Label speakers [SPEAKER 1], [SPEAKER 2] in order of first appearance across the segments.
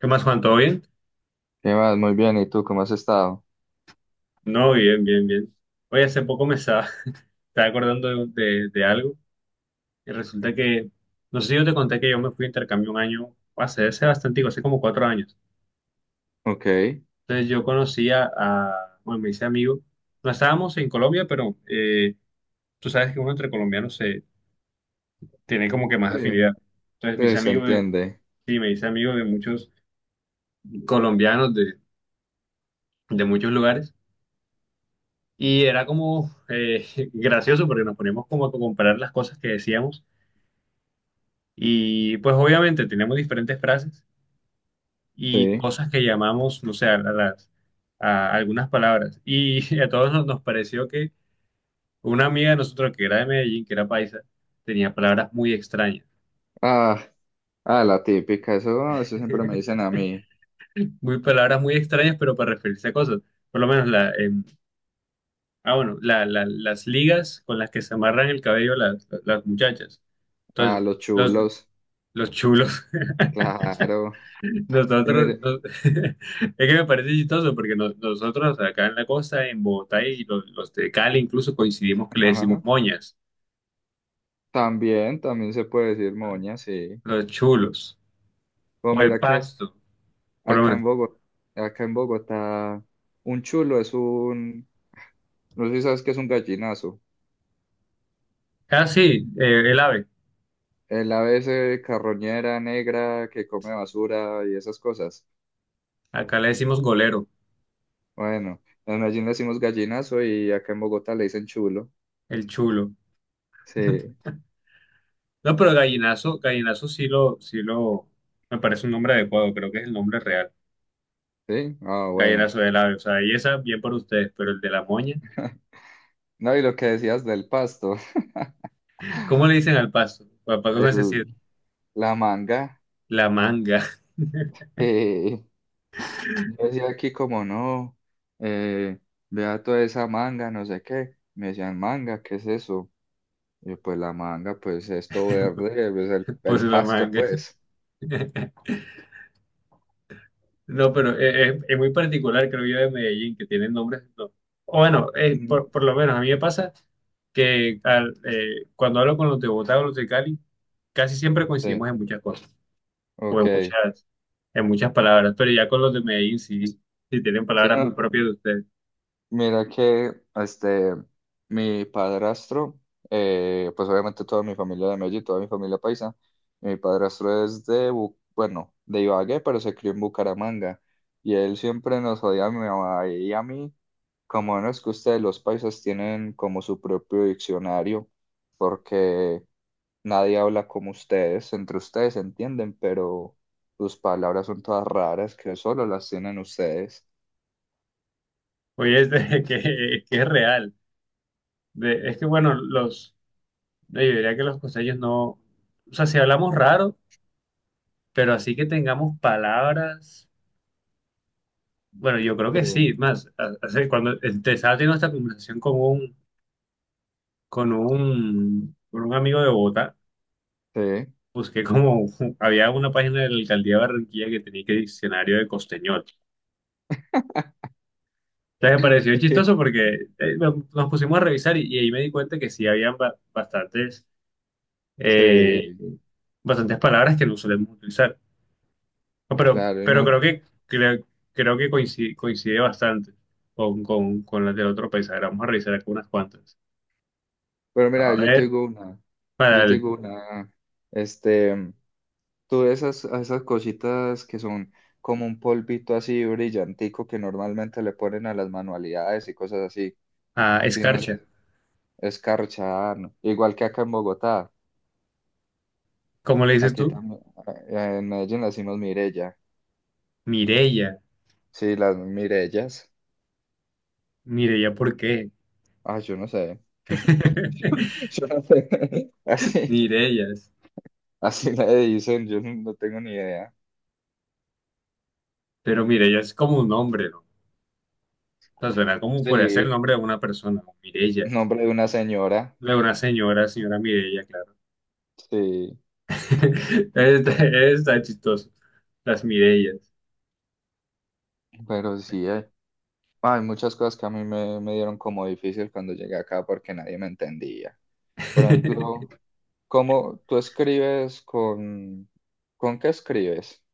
[SPEAKER 1] ¿Qué más, Juan? ¿Todo bien?
[SPEAKER 2] ¿Qué más? Muy bien, ¿y tú cómo has estado?
[SPEAKER 1] No, bien, bien, bien. Oye, hace poco me estaba, estaba acordando de algo y resulta que, no sé si yo te conté que yo me fui a intercambio un año, hace bastante, hace como cuatro años.
[SPEAKER 2] Ok,
[SPEAKER 1] Entonces yo conocía a, bueno, me hice amigo. No estábamos en Colombia, pero tú sabes que uno entre colombianos se tiene como que más
[SPEAKER 2] sí,
[SPEAKER 1] afinidad. Entonces mis
[SPEAKER 2] sí, se
[SPEAKER 1] amigos,
[SPEAKER 2] entiende,
[SPEAKER 1] sí, me hice amigo de muchos colombianos de muchos lugares y era como gracioso porque nos poníamos como a comparar las cosas que decíamos. Y pues obviamente tenemos diferentes frases y
[SPEAKER 2] sí.
[SPEAKER 1] cosas que llamamos, no sé, a algunas palabras. Y a todos nos pareció que una amiga de nosotros que era de Medellín, que era paisa, tenía palabras muy extrañas.
[SPEAKER 2] Ah, ah, la típica, eso siempre me dicen a mí,
[SPEAKER 1] Muy palabras muy extrañas, pero para referirse a cosas. Por lo menos la, ah, bueno, la- las ligas con las que se amarran el cabello las muchachas.
[SPEAKER 2] a
[SPEAKER 1] Entonces,
[SPEAKER 2] los
[SPEAKER 1] los,
[SPEAKER 2] chulos,
[SPEAKER 1] los chulos.
[SPEAKER 2] claro. Y
[SPEAKER 1] Nosotros,
[SPEAKER 2] mire,
[SPEAKER 1] es que me parece chistoso porque nosotros acá en la costa, en Bogotá y los de Cali incluso coincidimos que le decimos
[SPEAKER 2] ajá,
[SPEAKER 1] moñas,
[SPEAKER 2] también, también se puede decir moña, sí.
[SPEAKER 1] los chulos
[SPEAKER 2] Pues
[SPEAKER 1] o el
[SPEAKER 2] mira que
[SPEAKER 1] pasto, por lo
[SPEAKER 2] acá en
[SPEAKER 1] menos.
[SPEAKER 2] Bogotá, acá en Bogotá, un chulo es un, no sé si sabes qué es un gallinazo,
[SPEAKER 1] Ah, sí, el ave.
[SPEAKER 2] el ave ese carroñera negra que come basura y esas cosas.
[SPEAKER 1] Acá le decimos golero,
[SPEAKER 2] Bueno, en Medellín le decimos gallinazo y acá en Bogotá le dicen chulo.
[SPEAKER 1] el chulo.
[SPEAKER 2] Sí,
[SPEAKER 1] No, pero gallinazo, gallinazo sí lo, me parece un nombre adecuado, creo que es el nombre real.
[SPEAKER 2] sí, ah, bueno.
[SPEAKER 1] Gallinazo del ave, o sea, y esa bien por ustedes, pero el de la moña,
[SPEAKER 2] No, y lo que decías del pasto,
[SPEAKER 1] ¿cómo le dicen al pasto? Papá, ¿cómo se
[SPEAKER 2] el,
[SPEAKER 1] dice?
[SPEAKER 2] la manga,
[SPEAKER 1] La manga,
[SPEAKER 2] eh, yo decía aquí como no, eh, vea toda esa manga, no sé qué. Me decían, manga, ¿qué es eso? Y yo, pues la manga, pues esto verde, pues el
[SPEAKER 1] pues la
[SPEAKER 2] pasto,
[SPEAKER 1] manga.
[SPEAKER 2] pues.
[SPEAKER 1] No, pero es muy particular, creo yo, de Medellín, que tienen nombres. No. O bueno,
[SPEAKER 2] Mm,
[SPEAKER 1] por lo menos a mí me pasa que cuando hablo con los de Bogotá o los de Cali, casi siempre
[SPEAKER 2] sí,
[SPEAKER 1] coincidimos en muchas cosas, o en
[SPEAKER 2] ok.
[SPEAKER 1] muchas, en muchas palabras, pero ya con los de Medellín sí tienen
[SPEAKER 2] Sí,
[SPEAKER 1] palabras muy
[SPEAKER 2] no.
[SPEAKER 1] propias de ustedes.
[SPEAKER 2] Mira que mi padrastro, pues obviamente toda mi familia de Medellín, toda mi familia paisa, mi padrastro es de, bueno, de Ibagué, pero se crió en Bucaramanga, y él siempre nos odia a mi mamá y a mí, como no es que ustedes los paisas tienen como su propio diccionario, porque nadie habla como ustedes, entre ustedes se entienden, pero sus palabras son todas raras que solo las tienen ustedes.
[SPEAKER 1] Oye, que es real. Es que, bueno, yo diría que los costeños no, o sea, si hablamos raro, pero así que tengamos palabras. Bueno, yo creo
[SPEAKER 2] Sí,
[SPEAKER 1] que sí. Más, cuando te estaba teniendo esta conversación con un amigo de Bogotá,
[SPEAKER 2] sí.
[SPEAKER 1] busqué como había una página de la alcaldía de Barranquilla que tenía que diccionario de costeñol. Entonces me pareció chistoso porque nos pusimos a revisar y ahí me di cuenta que sí habían bastantes, eh,
[SPEAKER 2] Sí.
[SPEAKER 1] bastantes palabras que no solemos utilizar. No, pero,
[SPEAKER 2] Claro, y no.
[SPEAKER 1] creo, creo que coincide, coincide bastante con las del otro país. A ver, vamos a revisar algunas cuantas.
[SPEAKER 2] Pero
[SPEAKER 1] A
[SPEAKER 2] mira, yo te
[SPEAKER 1] ver.
[SPEAKER 2] digo una,
[SPEAKER 1] para
[SPEAKER 2] yo te
[SPEAKER 1] el-
[SPEAKER 2] digo una, este, tú esas cositas que son como un polvito así brillantico que normalmente le ponen a las manualidades y cosas así,
[SPEAKER 1] a
[SPEAKER 2] si no
[SPEAKER 1] escarcha.
[SPEAKER 2] sé, escarcha, ¿no? Igual que acá en Bogotá,
[SPEAKER 1] ¿Cómo le dices
[SPEAKER 2] aquí
[SPEAKER 1] tú?
[SPEAKER 2] también, en Medellín las decimos mirella,
[SPEAKER 1] Mireya.
[SPEAKER 2] sí, las mirellas,
[SPEAKER 1] Mireya, ¿por qué?
[SPEAKER 2] ah, yo no sé, yo no sé, así,
[SPEAKER 1] Mireyas.
[SPEAKER 2] así le dicen, yo no tengo ni idea,
[SPEAKER 1] Pero Mireya es como un nombre, ¿no? O sea, suena como podría ser el
[SPEAKER 2] sí,
[SPEAKER 1] nombre de una persona, ¿no? Mireya.
[SPEAKER 2] nombre de una señora.
[SPEAKER 1] De una señora, señora Mireya, claro.
[SPEAKER 2] Sí,
[SPEAKER 1] Está, está chistoso. Las Mireyas.
[SPEAKER 2] pero sí, hay muchas cosas que a mí me dieron como difícil cuando llegué acá porque nadie me entendía. Por ejemplo, ¿cómo tú escribes con... ¿Con qué escribes?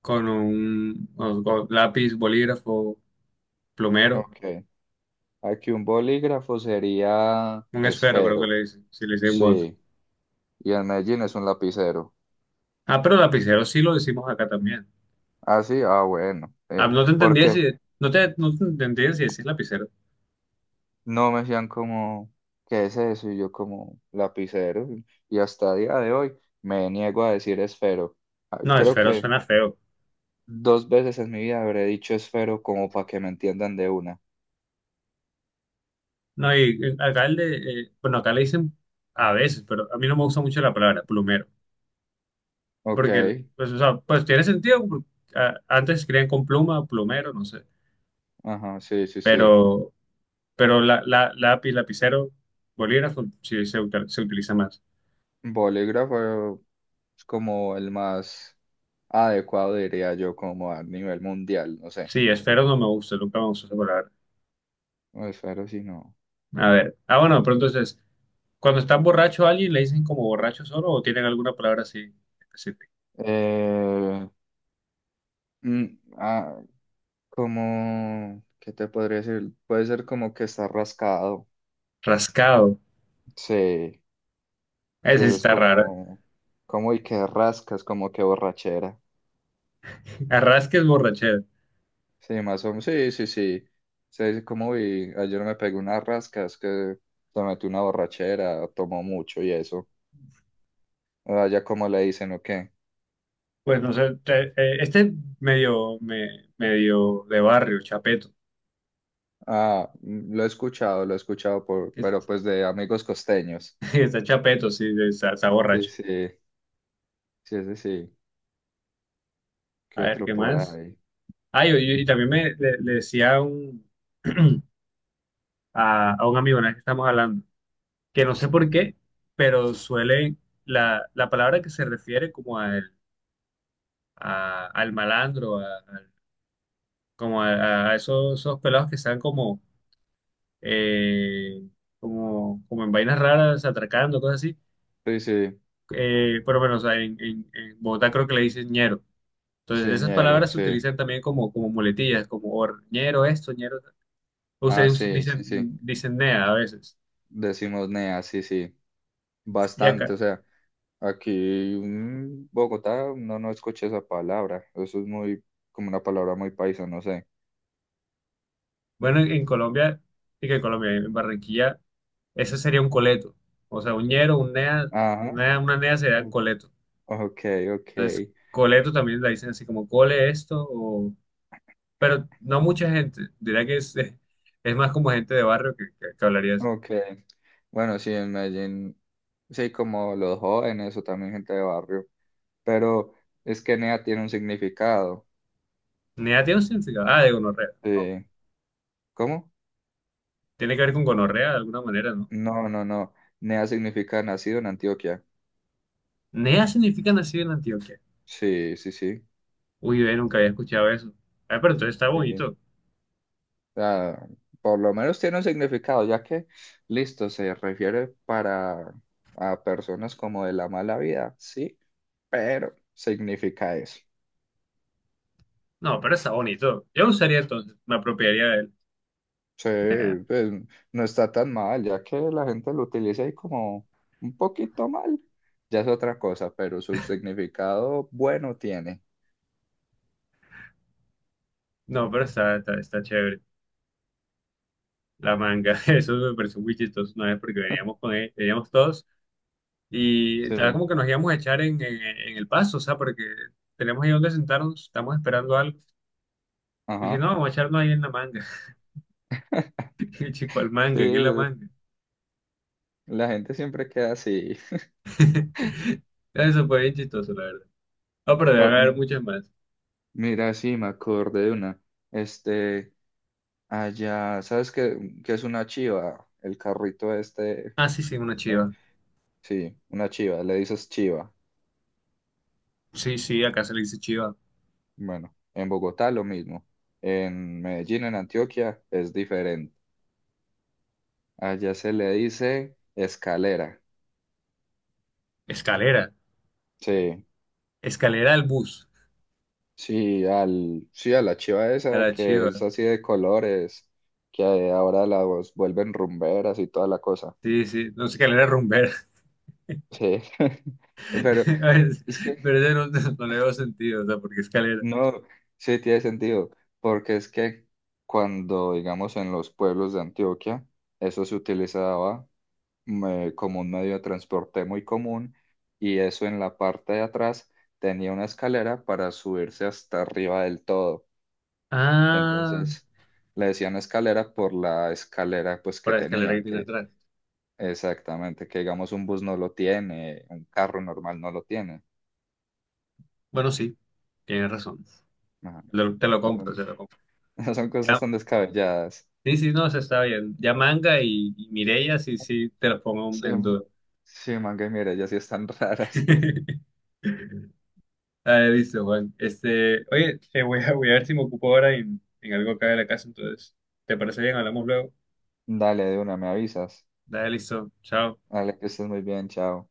[SPEAKER 1] Con un, con lápiz, bolígrafo, plumero,
[SPEAKER 2] Ok, aquí un bolígrafo sería
[SPEAKER 1] un esfero, creo que
[SPEAKER 2] esfero,
[SPEAKER 1] le dicen, si le dicen voz.
[SPEAKER 2] sí, y en Medellín es un lapicero.
[SPEAKER 1] Ah, pero lapicero sí lo decimos acá también.
[SPEAKER 2] Ah, sí, ah, bueno,
[SPEAKER 1] Ah, no te entendía si,
[SPEAKER 2] porque
[SPEAKER 1] no te entendía si decís lapicero.
[SPEAKER 2] no me decían como, ¿qué es eso? Y yo como lapicero, y hasta día de hoy me niego a decir esfero. Ah,
[SPEAKER 1] No,
[SPEAKER 2] creo
[SPEAKER 1] esfero
[SPEAKER 2] que
[SPEAKER 1] suena feo.
[SPEAKER 2] dos veces en mi vida habré dicho esfero como para que me entiendan de una.
[SPEAKER 1] No, y acá el de, bueno, acá le dicen a veces, pero a mí no me gusta mucho la palabra plumero,
[SPEAKER 2] Ok,
[SPEAKER 1] porque, pues, o sea, pues tiene sentido, porque, ah, antes escribían con pluma, plumero, no sé,
[SPEAKER 2] ajá, sí, sí, sí.
[SPEAKER 1] pero, pero lápiz, lapicero, bolígrafo, se utiliza más.
[SPEAKER 2] Bolígrafo es como el más adecuado, diría yo, como a nivel mundial, no sé.
[SPEAKER 1] Sí, esfero no me gusta, nunca me gustó esa palabra.
[SPEAKER 2] No, esfero sí, no.
[SPEAKER 1] A ver, ah, bueno, pero entonces, cuando están borracho a alguien, le dicen como borracho solo o tienen alguna palabra así ¿específica?
[SPEAKER 2] Eh, mm, ah, como, ¿qué te podría decir? Puede ser como que está rascado.
[SPEAKER 1] Rascado.
[SPEAKER 2] Sí, sí,
[SPEAKER 1] Ese
[SPEAKER 2] eso
[SPEAKER 1] sí
[SPEAKER 2] es
[SPEAKER 1] está raro.
[SPEAKER 2] como, como y que rascas, como que borrachera.
[SPEAKER 1] Arrasque es borrachera.
[SPEAKER 2] Sí, más o menos. Sí, sí, sí. Sí, como vi, ayer me pegué unas rascas que se metí una borrachera, tomó mucho y eso. Allá como le dicen, ¿o qué?
[SPEAKER 1] Pues no sé, medio de barrio, chapeto.
[SPEAKER 2] Ah, mm, lo he escuchado por, pero
[SPEAKER 1] Es-
[SPEAKER 2] pues de amigos costeños.
[SPEAKER 1] Está chapeto, sí, está, está
[SPEAKER 2] Sí,
[SPEAKER 1] borracho.
[SPEAKER 2] sí, sí, sí, sí. ¿Qué
[SPEAKER 1] A ver,
[SPEAKER 2] otro
[SPEAKER 1] ¿qué
[SPEAKER 2] por
[SPEAKER 1] más?
[SPEAKER 2] ahí?
[SPEAKER 1] Ah, y también le decía a un, a un amigo, una vez que estamos hablando, que no sé por qué, pero suele, la palabra que se refiere como a- al malandro, como a esos, esos pelados que están como eh, como, como en vainas raras, atracando, cosas así.
[SPEAKER 2] Sí, sí,
[SPEAKER 1] Pero bueno, o sea, en Bogotá creo que le dicen ñero. Entonces,
[SPEAKER 2] sí,
[SPEAKER 1] esas
[SPEAKER 2] ñero,
[SPEAKER 1] palabras se
[SPEAKER 2] sí.
[SPEAKER 1] utilizan también como, como muletillas, ñero esto, ñero. Ta-
[SPEAKER 2] Ah,
[SPEAKER 1] Ustedes
[SPEAKER 2] sí,
[SPEAKER 1] dicen,
[SPEAKER 2] sí, sí.
[SPEAKER 1] dicen nea a veces.
[SPEAKER 2] Decimos nea, sí, sí.
[SPEAKER 1] Y acá,
[SPEAKER 2] Bastante, o sea. Aquí en Bogotá no, no escuché esa palabra. Eso es muy, como una palabra muy paisa, no sé.
[SPEAKER 1] bueno, en Colombia, sí que en Colombia, en Barranquilla, ese sería un coleto. O sea, un ñero, un nea,
[SPEAKER 2] Ajá.
[SPEAKER 1] una nea sería
[SPEAKER 2] o-
[SPEAKER 1] coleto.
[SPEAKER 2] Ok, ok,
[SPEAKER 1] Entonces, coleto también la dicen así como cole esto pero no mucha gente. Diría que es más como gente de barrio que hablaría así.
[SPEAKER 2] ok. Bueno, sí, en Medellín, sí, como los jóvenes o también gente de barrio. Pero es que NEA tiene un significado.
[SPEAKER 1] NEA tiene un significado. Ah, de gonorrea. No.
[SPEAKER 2] Sí. ¿Cómo?
[SPEAKER 1] Tiene que ver con gonorrea de alguna manera, ¿no?
[SPEAKER 2] No, no, no. NEA significa nacido en Antioquia.
[SPEAKER 1] NEA significa nacido en Antioquia.
[SPEAKER 2] Sí, sí, sí.
[SPEAKER 1] Uy, ve, nunca había escuchado eso. Ah, pero entonces está
[SPEAKER 2] Sí.
[SPEAKER 1] bonito.
[SPEAKER 2] Sea, por lo menos tiene un significado, ya que, listo, se refiere para a personas como de la mala vida, sí, pero significa eso.
[SPEAKER 1] No, pero está bonito. Yo lo usaría entonces, me apropiaría de él.
[SPEAKER 2] Sí,
[SPEAKER 1] Nah,
[SPEAKER 2] pues no está tan mal, ya que la gente lo utiliza ahí como un poquito mal, ya es otra cosa, pero su significado bueno tiene.
[SPEAKER 1] no, pero está, está, está chévere. La manga, eso me pareció muy chistoso una vez porque veníamos con él, veníamos todos y estaba
[SPEAKER 2] Sí.
[SPEAKER 1] como que nos íbamos a echar en el paso, o sea, porque tenemos ahí donde sentarnos, estamos esperando algo. Y si no,
[SPEAKER 2] Ajá,
[SPEAKER 1] vamos a echarnos ahí en la manga. Y el chico al
[SPEAKER 2] sí,
[SPEAKER 1] manga, ¿qué es la manga?
[SPEAKER 2] la gente siempre queda así.
[SPEAKER 1] Eso fue bien chistoso, la verdad. Ah, pero debe
[SPEAKER 2] Oh,
[SPEAKER 1] haber
[SPEAKER 2] mm,
[SPEAKER 1] muchas más.
[SPEAKER 2] mira, sí, me acordé de una. Este, Allá, ¿sabes qué, qué es una chiva? El carrito este,
[SPEAKER 1] Ah, sí, sí, una
[SPEAKER 2] ¿eh?
[SPEAKER 1] chiva.
[SPEAKER 2] Sí, una chiva, le dices chiva.
[SPEAKER 1] Sí, sí, acá se le dice chiva.
[SPEAKER 2] Bueno, en Bogotá lo mismo. En Medellín, en Antioquia, es diferente. Allá se le dice escalera.
[SPEAKER 1] Escalera.
[SPEAKER 2] Sí,
[SPEAKER 1] Escalera al bus.
[SPEAKER 2] sí, al, sí, a la chiva
[SPEAKER 1] A la
[SPEAKER 2] esa que
[SPEAKER 1] chiva.
[SPEAKER 2] es así de colores, que ahora la vuelven rumberas y toda la cosa.
[SPEAKER 1] Sí, sí. No, escalera rumbera.
[SPEAKER 2] Sí, pero
[SPEAKER 1] A ver,
[SPEAKER 2] es que
[SPEAKER 1] pero ese no, no le veo sentido, o sea, porque escalera.
[SPEAKER 2] no, sí tiene sentido, porque es que cuando, digamos, en los pueblos de Antioquia, eso se utilizaba como un medio de transporte muy común y eso en la parte de atrás tenía una escalera para subirse hasta arriba del todo.
[SPEAKER 1] Ah,
[SPEAKER 2] Entonces le decían escalera por la escalera pues
[SPEAKER 1] por
[SPEAKER 2] que
[SPEAKER 1] la escalera que
[SPEAKER 2] tenía,
[SPEAKER 1] tiene
[SPEAKER 2] que
[SPEAKER 1] atrás.
[SPEAKER 2] exactamente, que digamos un bus no lo tiene, un carro normal no lo tiene.
[SPEAKER 1] Bueno, sí, tienes razón.
[SPEAKER 2] Ajá.
[SPEAKER 1] Te lo compro, te lo compro.
[SPEAKER 2] Son son
[SPEAKER 1] Ya.
[SPEAKER 2] cosas tan descabelladas.
[SPEAKER 1] Sí, sí, no, se está bien. Ya manga y Mireia, sí, sí, te los pongo
[SPEAKER 2] Sí,
[SPEAKER 1] en duda.
[SPEAKER 2] sí, man, que mira, ya sí están raras.
[SPEAKER 1] Ah, listo, Juan. Este, oye, voy a ver si me ocupo ahora en algo acá de la casa, entonces, ¿te parece bien? Hablamos luego.
[SPEAKER 2] Dale, de una, me avisas.
[SPEAKER 1] Dale, listo. Chao.
[SPEAKER 2] Dale, que estés muy bien, chao.